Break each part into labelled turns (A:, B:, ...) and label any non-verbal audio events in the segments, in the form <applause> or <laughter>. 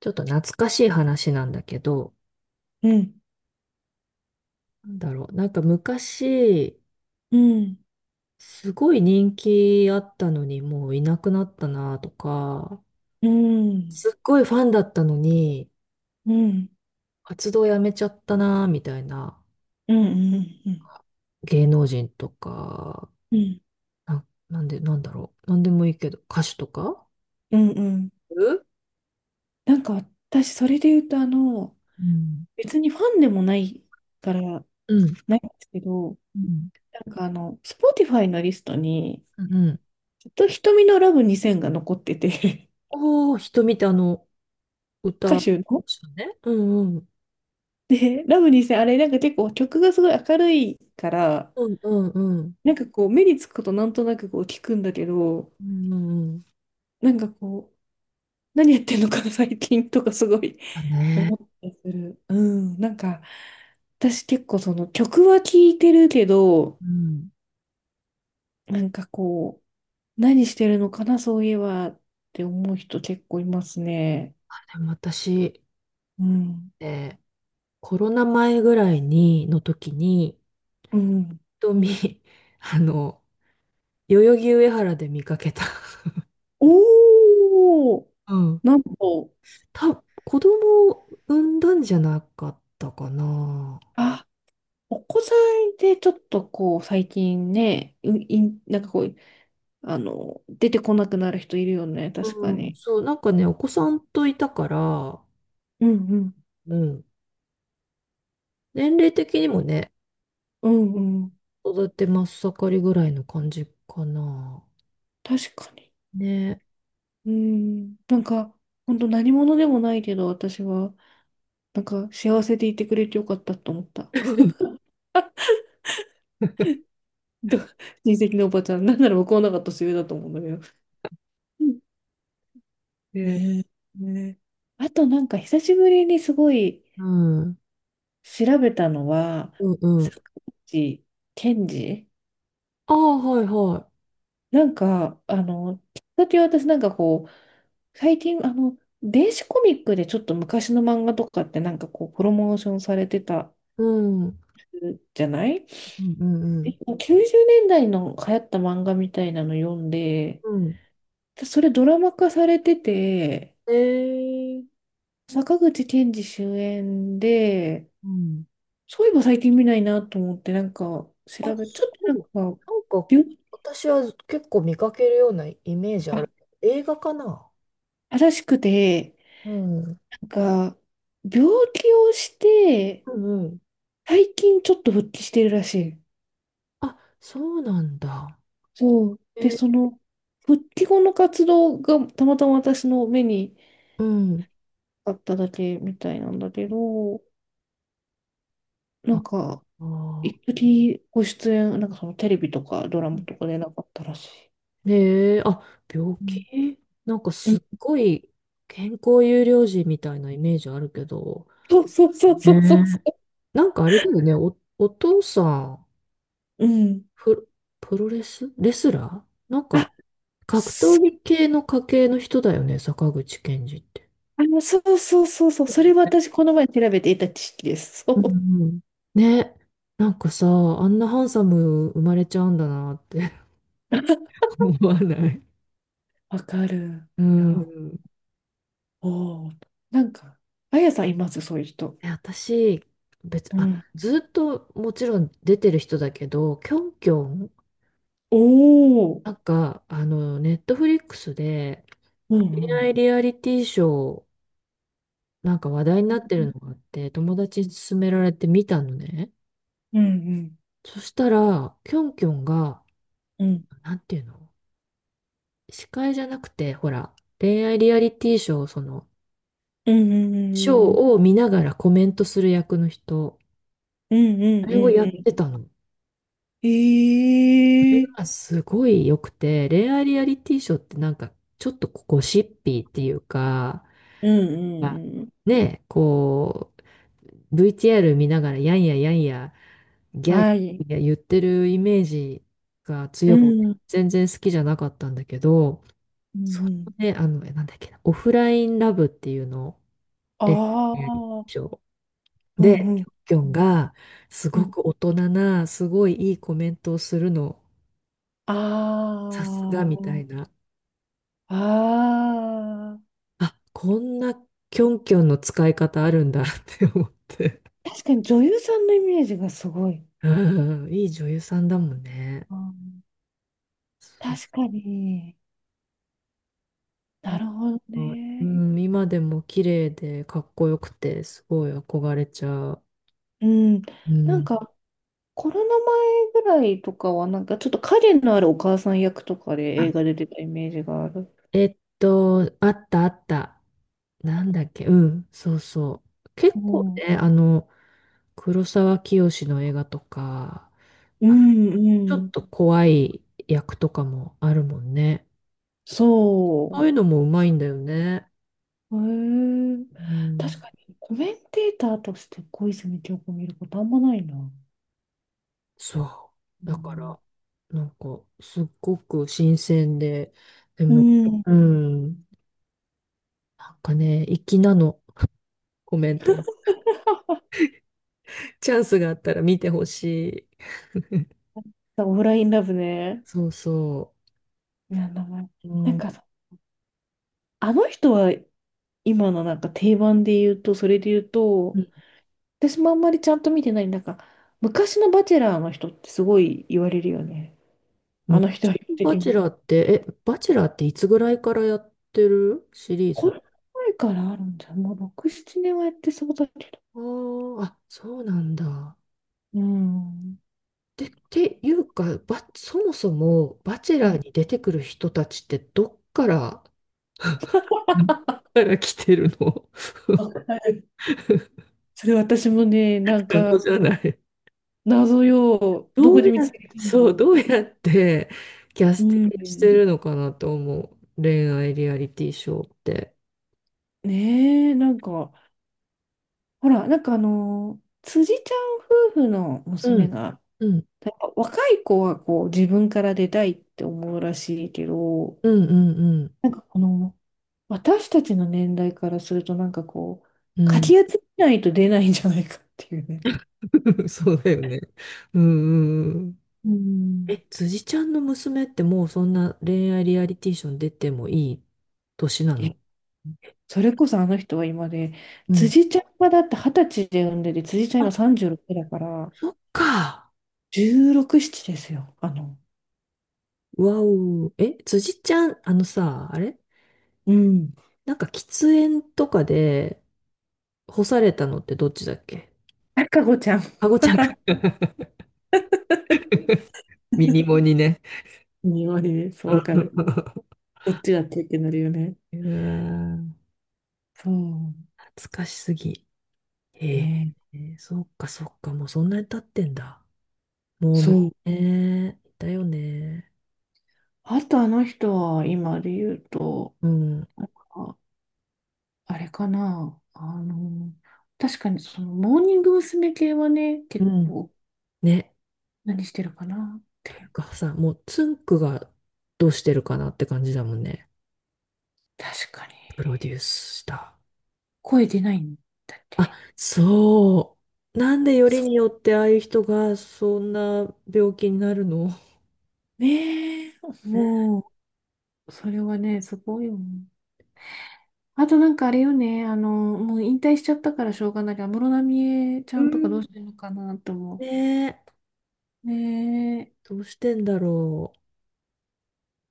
A: ちょっと懐かしい話なんだけど、
B: うん、
A: なんだろう。なんか昔、
B: うん、
A: すごい人気あったのに、もういなくなったなとか、
B: うん、
A: すっごいファンだったのに、
B: うん、うん、
A: 活動やめちゃったなみたいな
B: うん、うん、うん、
A: 芸能人とか、なんで、なんだろう。なんでもいいけど、歌手とか。
B: うん。うん、
A: うん
B: なんか私、それで言うと、
A: うん
B: 別にファンでもないから、
A: うん。
B: ないんですけど、なんかSpotify のリストに、
A: うんうん。
B: ずっと瞳のラブ2000が残ってて。
A: おー、瞳って
B: <laughs> 歌
A: 歌、
B: 手の。
A: ね。うんうん。
B: で、ラブ2000、あれ、なんか結構曲がすごい明るいから、
A: うんうんうん。
B: なんかこう、目につくことなんとなくこう聞くんだけど、
A: うんうんうん。
B: なんかこう、何やってんのかな、最近とかすごい
A: だね。
B: 思ったりする。うん。なんか、私結構その曲は聴いてるけど、
A: うん。
B: なんかこう、何してるのかな、そういえばって思う人結構いますね。
A: でも私、
B: うん。
A: えーコロナ前ぐらいに、の時に、
B: うん。
A: 瞳、<laughs> あの、代々木上原で見かけた。
B: おー、
A: <laughs> うん。
B: なんと。
A: た、子供を産んだんじゃなかったかな。
B: あ、お子さんでちょっとこう、最近ね、ういん、なんかこう、出てこなくなる人いるよね、確
A: う
B: か
A: ん、
B: に。
A: そう、なんかね、お子さんといたから、
B: うんうん。
A: うん。年齢的にもね、
B: うんうん。
A: 育て真っ盛りぐらいの感じかな。
B: 確かに。
A: ね。ね。
B: うん。なんか、本当何者でもないけど、私は、なんか、幸せでいてくれてよかったと思った。<laughs> ど親戚のおばちゃん、なんなら向こうの方が年上だと思うんだけど。うん、ねえ。ねえ、あと、なんか、久しぶりにすごい調べたのは、坂口健二。なんか、きっかけは私なんかこう、最近、電子コミックでちょっと昔の漫画とかってなんかこう、プロモーションされてた
A: うん
B: じゃない。
A: うんうん。
B: 90年代の流行った漫画みたいなの読ん
A: ああはいはいうん。うんうん
B: で、
A: うんうん
B: それドラマ化されてて、
A: え。
B: 坂口憲二主演で、
A: うん。
B: そういえば最近見ないなと思って、なんか
A: あ、
B: ち
A: そ
B: ょっとなん
A: う。
B: か、
A: なんか、
B: 病、
A: 私は結構見かけるようなイメージあ
B: あ、
A: る。映画かな。
B: 正しくて、
A: うん。
B: なんか、病気をして、
A: うんうん。
B: 最近ちょっと復帰してるらしい。
A: あ、そうなんだ。
B: そう。で、
A: え
B: その、復帰後の活動がたまたま私の目に
A: うん。
B: あっただけみたいなんだけど、な
A: あ
B: ん
A: あ。
B: か、一時ご出演、なんかそのテレビとかドラマとかでなかったらしい。
A: ねえ、あ、病
B: うん
A: 気なんか
B: う
A: す
B: ん、
A: っごい健康優良児みたいなイメージあるけど。
B: そうそうそう
A: ね
B: そう
A: え。
B: そうそ
A: なんかあれだよね、お父さん、
B: う。うん。
A: プ、プロレスレスラーなん
B: あ、
A: か格闘
B: そ、
A: 技系の家系の人だよね、坂口健二って。
B: そうそうそうそう。それは私、この前調べていた知識です。そ
A: う
B: う。
A: んうん。ね、なんかさ、あんなハンサム生まれちゃうんだなって <laughs> 思わない？
B: わかる。
A: う
B: いや、
A: ん。
B: おお。なんか、あやさんいます、そういう人。
A: え、私、
B: うん。
A: ずっともちろん出てる人だけど、キョンキョン、
B: おお。
A: なんか、ネットフリックスで
B: うん
A: 恋
B: うん。
A: 愛リアリティショー、なんか話題になってるのがあって、友達に勧められて見たのね。
B: うんうん。
A: そしたら、キョンキョンが、
B: うん
A: なんていうの、司会じゃなくて、ほら、恋愛リアリティショー、
B: うんうんう
A: ショー
B: んうん。
A: を見ながらコメントする役の人、
B: うん
A: あ
B: うん
A: れ
B: う
A: を
B: ん
A: や
B: う
A: っ
B: ん。
A: てたの。
B: え
A: あ、
B: え、
A: すごい良くて、恋愛リアリティショーってなんかちょっとゴシッピーっていうか、
B: うんう
A: ま
B: ん
A: あ、
B: うん。
A: ね、VTR 見ながらやんややんや、ギャーギ
B: はい。
A: ャーギャー言ってるイメージが
B: う
A: 強くて、
B: ん
A: 全然好きじゃなかったんだけど、
B: うん
A: そ
B: う
A: の
B: ん。
A: ね、なんだっけな、オフラインラブっていうのを、恋愛
B: あ
A: リアリテ
B: あ、
A: ィショー
B: うん
A: で、
B: う
A: キ
B: ん。
A: ョンキョンがす
B: う
A: ご
B: ん。
A: く大人な、すごいいいコメントをするの、さすがみたい
B: あ
A: な。
B: あ、あ
A: あ、こんなキョンキョンの使い方あるんだ <laughs> って思って。
B: あ。確かに女優さんのイメージがすごい。
A: うん、いい女優さんだもんね。
B: あ、
A: そう。
B: 確かに。
A: な
B: な
A: んか
B: るほど
A: う
B: ね。
A: ん、今でも綺麗でかっこよくて、すごい憧れちゃう。
B: うん。
A: う
B: なん
A: ん。
B: か、コロナ前ぐらいとかは、なんかちょっと影のあるお母さん役とかで
A: あ、
B: 映画で出てたイメージがある。
A: あったあった。なんだっけ、うん、そうそう。結
B: う
A: 構
B: ん
A: ね、黒沢清の映画とか、
B: う
A: あ、
B: んう
A: ちょっ
B: ん。
A: と怖い役とかもあるもんね。あ
B: そ
A: あいう
B: う。
A: のもうまいんだよね。
B: へえ、
A: う
B: 確
A: ん。
B: かにコメンテーターとして小泉今日子見ることあんまないな。
A: そ
B: う
A: う。だか
B: ん。
A: ら、なんか、すっごく新鮮で、で
B: う
A: も、
B: ん。
A: うん、なんかね、粋なの、コメント。
B: <laughs>
A: チャンスがあったら見てほしい。
B: オフラインラブね。
A: そうそ
B: いや、名前。
A: う。う
B: なん
A: ん。
B: かさ、あの人は今のなんか定番で言うと、それで言う
A: う
B: と、
A: ん。
B: 私もあんまりちゃんと見てない、なんか、昔のバチェラーの人ってすごい言われるよね。あ
A: 昔
B: の人は
A: の
B: 的
A: バチェ
B: な。
A: ラーって、え、バチェラーっていつぐらいからやってるシリー
B: こ
A: ズ？
B: れ前からあるんじゃん。もう6、7年はやってそうだけど。
A: あーあ、そうなんだ。
B: うん。
A: で、っていうか、そもそも、バチェ
B: う
A: ラ
B: ん、
A: ーに出てくる人たちって、どっから来てるの？
B: わかる。
A: <laughs>
B: それ、私もね、なんか、
A: 謎じゃない？
B: 謎よ。
A: <laughs>
B: ど
A: ど
B: こ
A: う
B: で
A: や、
B: 見つけた
A: そ
B: の
A: う、
B: っ
A: どう
B: て。
A: やってキャ
B: う
A: スティングして
B: ん。
A: るのかなと思う。恋愛リアリティショーって。
B: ねえ、なんか、ほら、なんか辻ちゃん夫婦の
A: う
B: 娘
A: ん、
B: が、
A: うん、
B: なんか若い子はこう自分から出たいって思うらしいけど、
A: うん、うん、
B: なんかこの、私たちの年代からすると、なんかこう、
A: うん。う
B: かき
A: ん。
B: 集めないと出ないんじゃないかっていうね。
A: <laughs> そうだよね。うん、うん。
B: うん。
A: え、辻ちゃんの娘ってもうそんな恋愛リアリティショー出てもいい年な
B: え、
A: の？
B: それこそあの人は今で、
A: うん。
B: 辻ちゃんはだって二十歳で産んでて、辻ちゃん
A: あ、
B: 今36だから、
A: そっか。
B: 16、7ですよ。あの、
A: わお。え、辻ちゃん、あのさ、あれ
B: うん。
A: なんか喫煙とかで干されたのってどっちだっけ？
B: 赤子ちゃん
A: かごちゃんか。<laughs> ミニモにね。
B: に言われる。
A: <laughs>
B: そう、
A: う
B: わかる。
A: わ
B: こっちだってってなるよね。
A: ー
B: そう。
A: 懐かしすぎ。へえ、
B: ね。
A: ー、そっかそっか、もうそんなに経ってんだ。もう
B: そう。
A: いたよね。
B: あとあの人は、今で言うと、
A: うん。
B: なんか、あれかな。あの、確かにその、モーニング娘。系はね、
A: う
B: 結
A: ん。
B: 構、
A: ね。
B: 何してるかなって。
A: がさ、もうつんくがどうしてるかなって感じだもんね。
B: 確かに。
A: プロデュースした。
B: 声出ないんだっ
A: あ、
B: て。
A: そう。なんでより
B: そ
A: によってああいう人がそんな病気になるの？
B: う。ねえ。もう、それはね、すごいよね。あとなんかあれよね、もう引退しちゃったからしょうがないから、安室奈美恵ち
A: う
B: ゃんとかど
A: ん。
B: うしてるのかなと思
A: ねえ、
B: う。ねえ、
A: どうしてんだろ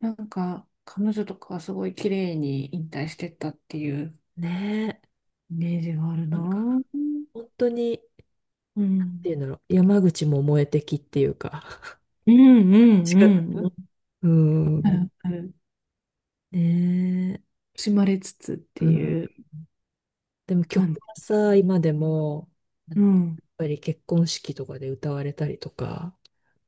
B: なんか彼女とかはすごい綺麗に引退してったっていう
A: う。ねえ、
B: イメージがある
A: な
B: な。
A: んか
B: うん。
A: 本当に、っ
B: う
A: て
B: ん
A: いうんだろう、山口も燃えてきっていうか、<laughs>
B: うん
A: 仕方な
B: う
A: い。
B: ん。
A: う
B: あ
A: ん、
B: るある、
A: ね
B: 惜しまれつつって
A: え、うん。
B: いう
A: でも曲
B: 感じ。
A: はさ、今でも、やっ
B: うん。
A: ぱり結婚式とかで歌われたりとか、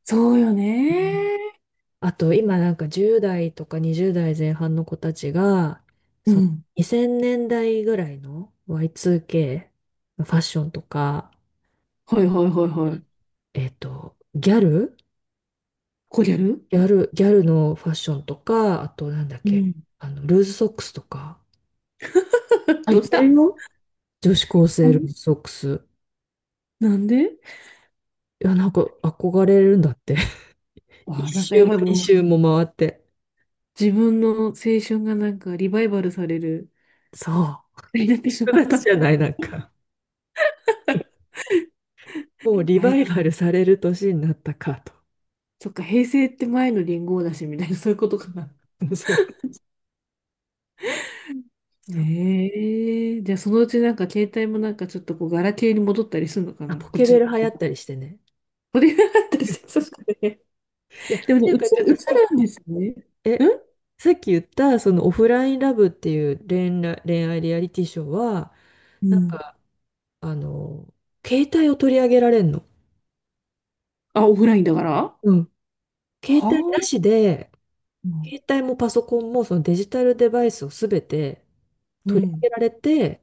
B: そうよ
A: うん。
B: ね。
A: あと今なんか10代とか20代前半の子たちが、
B: う
A: その
B: ん。
A: 2000年代ぐらいの Y2K のファッションとか、
B: はいはいはいはい。
A: えっと、ギャル
B: こりゃる、
A: ギャルのファッションとか、あとなんだっ
B: う
A: け、
B: ん。
A: ルーズソックスとか、
B: <laughs>
A: あ、
B: ど
A: い
B: うし
A: てる
B: た。
A: よ。女子高
B: な
A: 生
B: ん
A: ルーズ
B: で、
A: ソックス。
B: なんで。
A: いや、なんか憧れるんだって。<laughs>
B: わあ、なん
A: 一
B: か
A: 周
B: や
A: も
B: ばい、も
A: 二周
B: う
A: も回って。
B: 自分の青春がなんかリバイバルされる、
A: そ
B: になってしまっ
A: 9月
B: た。
A: じゃない、なんか。もうリ
B: あれ
A: バ
B: か。
A: イバルされる年になったかと。
B: そっか、平成って前の元号だし、みたいな、そういうことかな。
A: <laughs> そう。う。そう。
B: ええ、じゃあそのうちなんか携帯もなんかちょっとこう、ガラケーに戻ったりするのか
A: あ、
B: な、
A: ポ
B: こっ
A: ケ
B: ち
A: ベ
B: の
A: ル流行
B: 方
A: っ
B: が。
A: たりしてね。
B: これがあったりし
A: <laughs>
B: て、そうですね。
A: いや、
B: で
A: て
B: もね、
A: いうか、てい
B: 映
A: う
B: る、
A: か、
B: 映るんですね。う
A: え、
B: ん。
A: さっき言った、そのオフラインラブっていう恋愛リアリティショーは、
B: う
A: なん
B: ん。
A: か、あの、携帯を取り上げられんの。
B: あ、オフラインだからは。
A: うん。携
B: あ。
A: 帯なしで、携帯もパソコンもそのデジタルデバイスをすべて
B: う
A: 取り
B: ん。
A: 上げられて、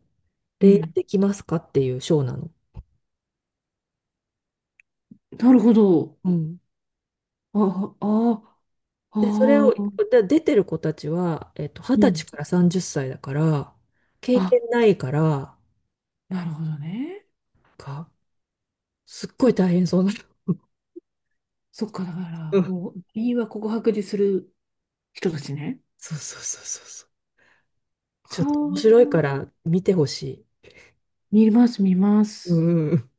B: う
A: 恋愛
B: ん。
A: できますかっていうショーなの。
B: なるほど。
A: うん。
B: あ、あ、
A: で、それ
B: あ
A: を、
B: あ、
A: で出てる子たちは、二
B: う
A: 十歳
B: ん。
A: から30歳だから、経
B: あ、
A: 験ないから、
B: なるほどね。
A: か、すっごい大変そうなの。
B: そっか、だから、
A: うん。
B: もう、民話告白でする人たちね。
A: そうそうそうそうそう。ちょっと面
B: は
A: 白い
B: あ、
A: から見てほしい。
B: 見ます、見ま
A: う
B: す。
A: ん。